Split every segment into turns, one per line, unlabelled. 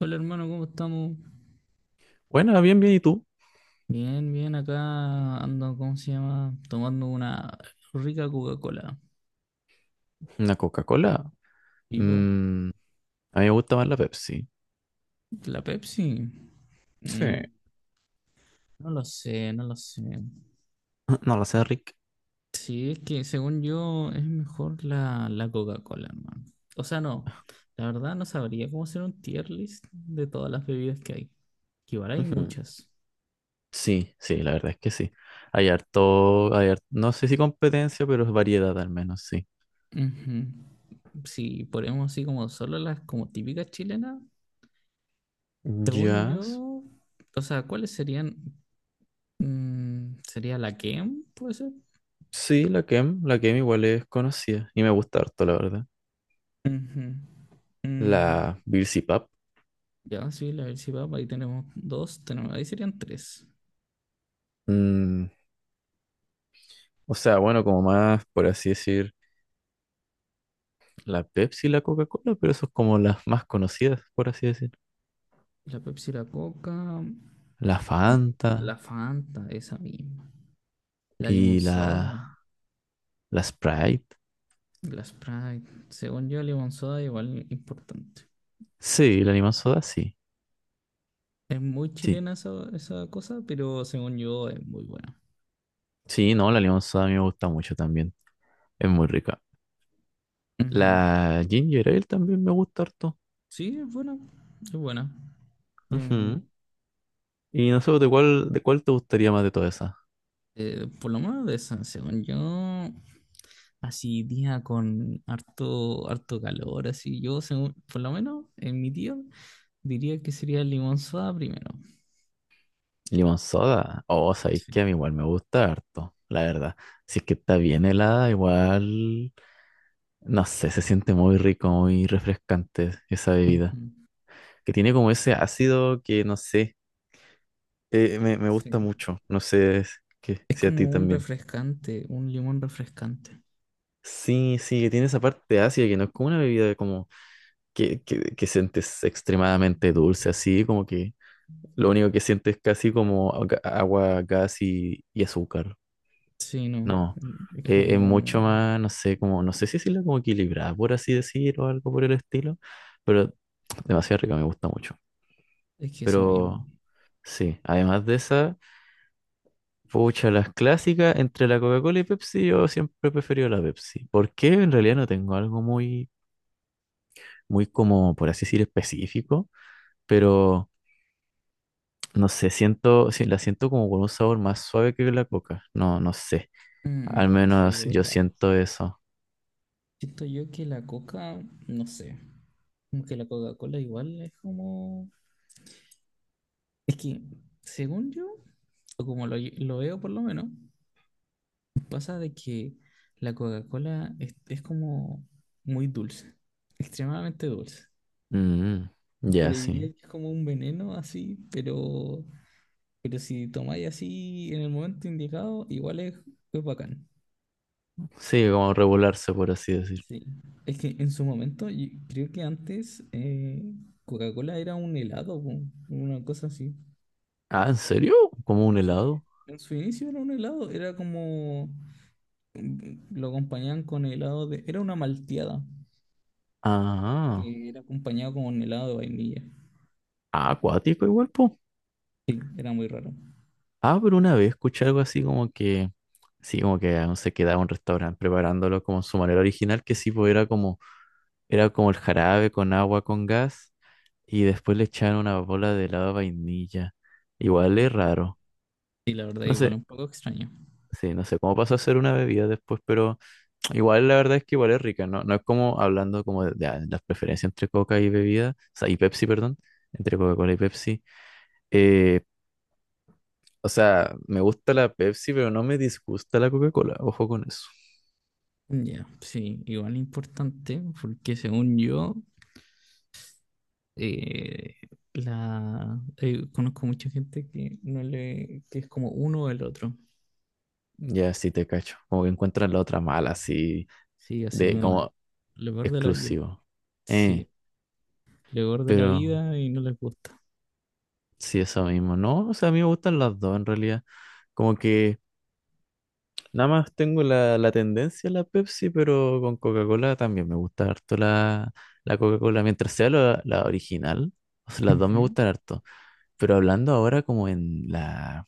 Hola hermano, ¿cómo estamos?
Bueno, bien, bien. ¿Y tú?
Bien, bien, acá ando, ¿cómo se llama? Tomando una rica Coca-Cola.
¿Una Coca-Cola?
¿Y vos?
Mm, a mí me gusta más la Pepsi.
¿La Pepsi?
Sí.
Mm, no lo sé, no lo sé.
No lo sé, Rick.
Sí, es que según yo es mejor la Coca-Cola, hermano. O sea, no, la verdad no sabría cómo hacer un tier list de todas las bebidas que hay. Que igual hay
Ujú.
muchas.
Sí, sí, la verdad es que sí. Hay harto, no sé si competencia, pero es variedad al menos, sí.
Ujú. Si ponemos así como solo las como típicas chilenas, según
Jazz.
yo, o sea, ¿cuáles serían? Mm, ¿sería la Kem? ¿Puede ser?
Sí, la Kem igual es conocida y me gusta harto, la verdad.
Ujú. Mm,
La Birsi Pap.
Ya, sí, la Pepsi Papa, ahí tenemos dos, tenemos, ahí serían tres.
mm, o sea, bueno, como más, por así decir, la Pepsi y la Coca-Cola, pero eso es como las más conocidas, por así decir.
La Pepsi, la Coca,
La
mm,
Fanta
la Fanta, esa misma. La Limon
y la
Soda,
La Sprite.
la Sprite. Según yo, Limon Soda igual importante.
Sí, la limón soda, sí.
Es muy
Sí.
chilena esa, esa cosa, pero según yo es muy buena.
Sí, no, la limón soda a mí me gusta mucho también. Es muy rica.
Ujú.
La ginger ale también me gusta harto.
Sí, es buena, es buena. Em,
Ujú. Y no sé, ¿de cuál te gustaría más de todas esas?
Por lo menos de esa, según yo, así día con harto, harto calor, así yo, según, por lo menos en mi tío, diría que sería el limón soda primero.
Limón soda. Oh, sabéis
Sí.
que a mí igual me gusta harto, la verdad. Si es que está bien helada, igual, no sé, se siente muy rico, muy refrescante esa bebida.
Ujú.
Que tiene como ese ácido que, no sé, me gusta
Sí.
mucho. No sé es que
Es
si a ti
como un
también.
refrescante, un limón refrescante.
Sí, sí, que tiene esa parte ácida que no es como una bebida como que sientes extremadamente dulce, así como que lo único que sientes es casi como agua, gas y azúcar.
Sí, no,
No,
es
es
como,
mucho más, no sé, como, no sé si decirlo como equilibrada, por así decir, o algo por el estilo, pero demasiado rica, me gusta mucho.
es que eso mismo.
Pero sí, además de esa, pucha, las clásicas entre la Coca-Cola y Pepsi, yo siempre he preferido la Pepsi. ¿Por qué? En realidad no tengo algo muy muy como, por así decir, específico, pero no sé, siento, sí, la siento como con un sabor más suave que la coca. No, no sé. Al
Mm, sí,
menos yo
verdad.
siento eso.
Siento yo que la coca, no sé, como que la Coca-Cola igual es como... Es que, según yo, o como lo veo por lo menos, pasa de que la Coca-Cola es como muy dulce, extremadamente dulce.
Mm,
Pero
ya, sí.
diría que es como un veneno así, pero si tomáis así en el momento indicado, igual es bacán.
Sí, como regularse, por así decir.
Sí. Es que en su momento, yo creo que antes Coca-Cola era un helado, po, una cosa así.
Ah, ¿en serio? ¿Como un
Sí.
helado?
En su inicio era un helado, era como lo acompañaban con helado de... Era una malteada,
Ah,
que era acompañado con helado de vainilla.
ah, acuático igual, po.
Sí, era muy raro.
Ah, pero una vez escuché algo así como que, sí, como que aún se quedaba un restaurante preparándolo como en su manera original, que sí, pues era como, el jarabe con agua, con gas. Y después le echaron una bola de helado de vainilla. Igual es raro.
Sí, la verdad,
No sé,
igual un poco extraño.
sí, no sé cómo pasó a ser una bebida después, pero igual la verdad es que igual es rica, ¿no? No es como hablando como de las preferencias entre Coca y bebida, o sea, y Pepsi, perdón, entre Coca-Cola y Pepsi. Eh, o sea, me gusta la Pepsi, pero no me disgusta la Coca-Cola. Ojo con eso.
Ya, sí, igual importante, porque según yo, eh, la conozco mucha gente que no le, que es como uno o el otro.
Ya, sí te cacho. Como que encuentran la otra mala, así,
Sí, así
de
como
como
lo peor de la vida.
exclusivo. Eh,
Sí, lo peor de la
pero...
vida y no les gusta.
Sí, eso mismo, ¿no? O sea, a mí me gustan las dos en realidad. Como que nada más tengo la, la, tendencia a la Pepsi, pero con Coca-Cola también me gusta harto la, la, Coca-Cola, mientras sea la original. O sea, las dos me
Ujú.
gustan harto. Pero hablando ahora como en la...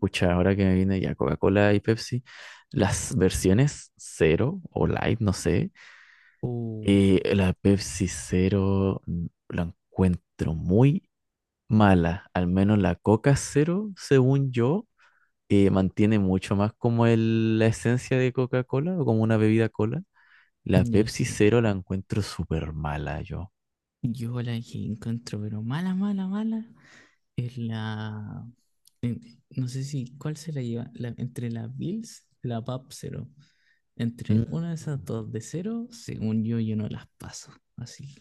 Pucha, ahora que me viene ya Coca-Cola y Pepsi, las versiones cero o light, no sé.
Uh,
La Pepsi cero, la encuentro muy mala, al menos la Coca cero, según yo mantiene mucho más como la esencia de Coca-Cola o como una bebida cola. La
ya
Pepsi
sí.
Cero la encuentro súper mala yo.
Yo la que encuentro, pero mala, mala, mala. Es la. En- no sé si. ¿Cuál se la lleva? La- entre la Bills, la PAP cero. Entre
Mm,
una de esas dos de cero, según yo, yo no las paso. Así.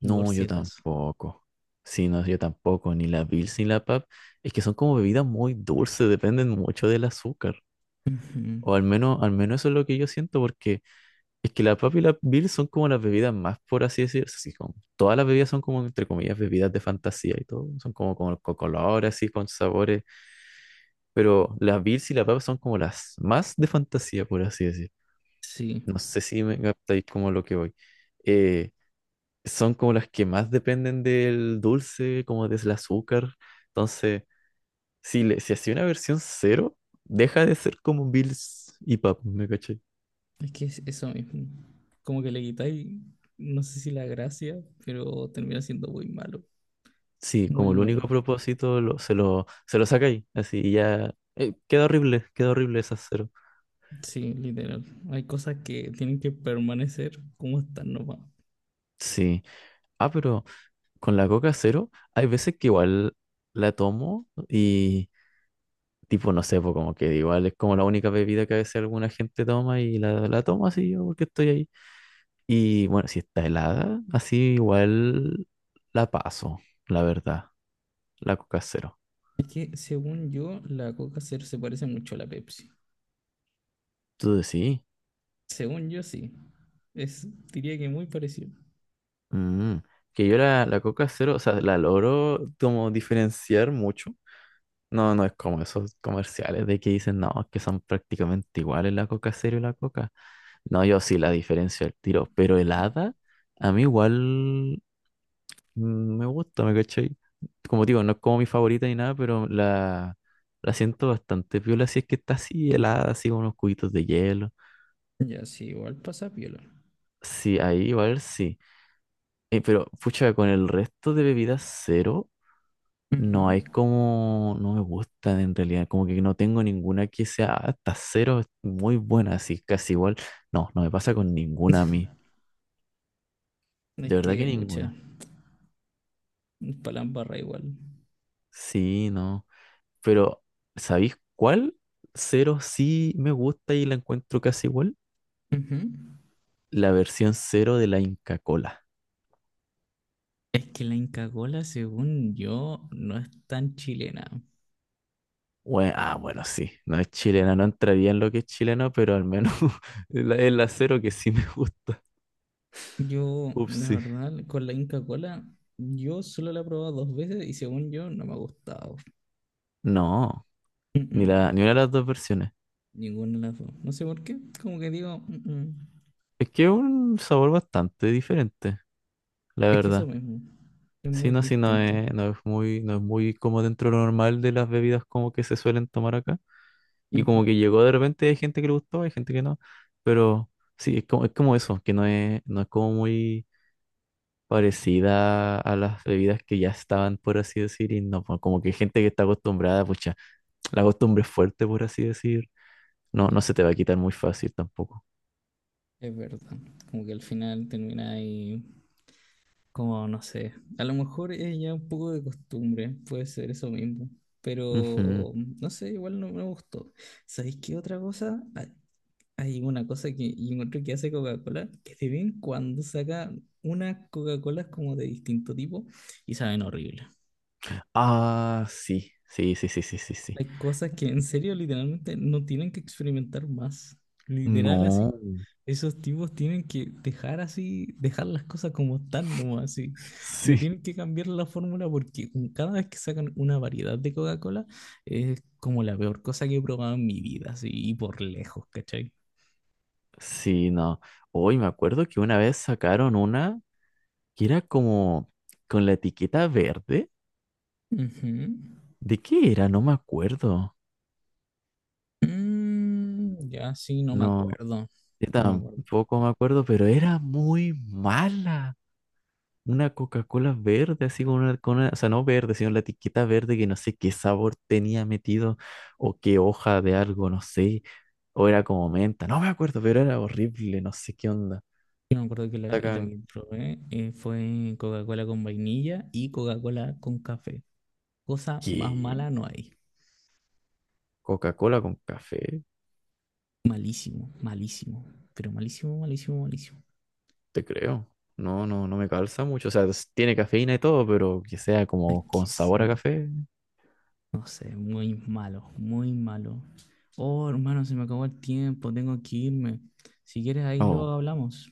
Y por
no,
si
yo
acaso.
tampoco. Sí, no, yo tampoco. Ni la Bills ni la Pab. Es que son como bebidas muy dulces, dependen mucho del azúcar.
Ujú.
O al menos eso es lo que yo siento, porque es que la Pab y la Bills son como las bebidas más, por así decirlo. Así todas las bebidas son como, entre comillas, bebidas de fantasía y todo. Son como con, colores, así, con sabores, pero las Bills y la Papa son como las más de fantasía, por así decir.
Sí.
No sé si me captáis como lo que voy. Eh, Son como las que más dependen del dulce, como del azúcar. Entonces, si hacía una versión cero, deja de ser como Bills y Pap, ¿me caché?
Es que es eso mismo. Como que le quitáis. No sé si la gracia, pero termina siendo muy malo.
Sí,
Muy
como el
malo.
único propósito se lo saca ahí, así y ya. Queda horrible, queda horrible esa cero.
Sí, literal. Hay cosas que tienen que permanecer como están nomás.
Sí. Ah, pero con la Coca cero, hay veces que igual la tomo y, tipo, no sé, pues como que igual es como la única bebida que a veces alguna gente toma y la, toma así yo porque estoy ahí. Y bueno, si está helada, así igual la paso, la verdad, la Coca Cero.
Es que, según yo, la Coca Cero se parece mucho a la Pepsi.
Tú decís,
Según yo, sí. Es, diría que muy parecido.
mm, que yo la Coca Cero, o sea, la logro como diferenciar mucho. No, no es como esos comerciales de que dicen, no, es que son prácticamente iguales la Coca Cero y la Coca. No, yo sí la diferencio al tiro, pero helada, a mí igual me gusta, ¿me cachai? Como digo, no es como mi favorita ni nada, pero la siento bastante piola si es que está así helada, así con unos cubitos de hielo.
Ya, sí, igual pasa piola.
Sí, ahí igual sí. Pero, pucha, con el resto de bebidas cero, no hay
Ujú.
como, no me gustan en realidad, como que no tengo ninguna que sea hasta cero, es muy buena, así casi igual. No, no me pasa con ninguna a mí,
Es
de verdad que
que, pucha,
ninguna.
palambarra igual.
Sí, no. Pero, ¿sabéis cuál? Cero sí me gusta y la encuentro casi igual.
Ujú.
La versión cero de la Inca Cola.
Es que la Inca Kola, según yo, no es tan chilena.
Bueno, sí, no es chilena, no entraría en lo que es chileno, pero al menos es la cero que sí me gusta.
Yo,
Ups,
la
sí.
verdad, con la Inca Kola, yo solo la he probado dos veces y según yo, no me ha gustado.
No,
Mm-mm.
ni una de las dos versiones.
Ninguna de las dos. No sé por qué, como que digo, "Mm-mm".
Es que es un sabor bastante diferente, la
Es que eso
verdad.
mismo, es
Sí,
muy
no, sí, no
distinto.
es, no es muy, no es muy como dentro de lo normal de las bebidas como que se suelen tomar acá. Y
Ujú.
como que llegó de repente, hay gente que le gustó, hay gente que no. Pero sí, es como, eso, que no es como muy parecida a las bebidas que ya estaban, por así decir, y no, pues, como que gente que está acostumbrada, pucha, la costumbre es fuerte, por así decir. No, no
Sí.
se te va a quitar muy fácil tampoco.
Es verdad, como que al final termina ahí, como no sé, a lo mejor es ya un poco de costumbre, puede ser eso mismo,
Ujú.
pero no sé, igual no me gustó. ¿Sabéis qué otra cosa? Hay hay una cosa que yo encuentro que hace Coca-Cola, que de vez en cuando saca unas Coca-Colas como de distinto tipo y saben horrible.
Ah, sí, sí, sí, sí, sí, sí, sí.
Hay cosas que en serio literalmente no tienen que experimentar más. Literal así,
No,
esos tipos tienen que dejar así, dejar las cosas como están nomás, así. No
sí,
tienen que cambiar la fórmula porque cada vez que sacan una variedad de Coca-Cola es como la peor cosa que he probado en mi vida, así, y por lejos, ¿cachai?
sí, no. Hoy me acuerdo que una vez sacaron una que era como con la etiqueta verde.
Ujú.
¿De qué era? No me acuerdo.
Mm, ya sí, no me
No,
acuerdo.
yo
No me acuerdo.
tampoco me acuerdo, pero era muy mala. Una Coca-Cola verde, así con una, o sea, no verde, sino la etiqueta verde que no sé qué sabor tenía metido o qué hoja de algo, no sé. O era como menta, no me acuerdo, pero era horrible, no sé qué onda.
Yo me acuerdo que la
Sacan,
que probé fue Coca-Cola con vainilla y Coca-Cola con café. Cosa más
¿qué?
mala no hay.
¿Coca-Cola con café?
Malísimo, malísimo. Pero malísimo, malísimo, malísimo.
Te creo. No, no, no me calza mucho. O sea, tiene cafeína y todo, pero que sea
Es
como con
que
sabor a
sí,
café.
no sé, muy malo, muy malo. Oh, hermano, se me acabó el tiempo, tengo que irme. Si quieres, ahí luego
No.
hablamos.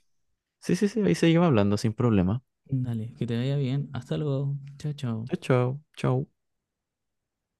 Sí, sí, sí, ahí seguimos hablando sin problema.
Dale, que te vaya bien. Hasta luego. Chao, chao.
Chao, chao, chao.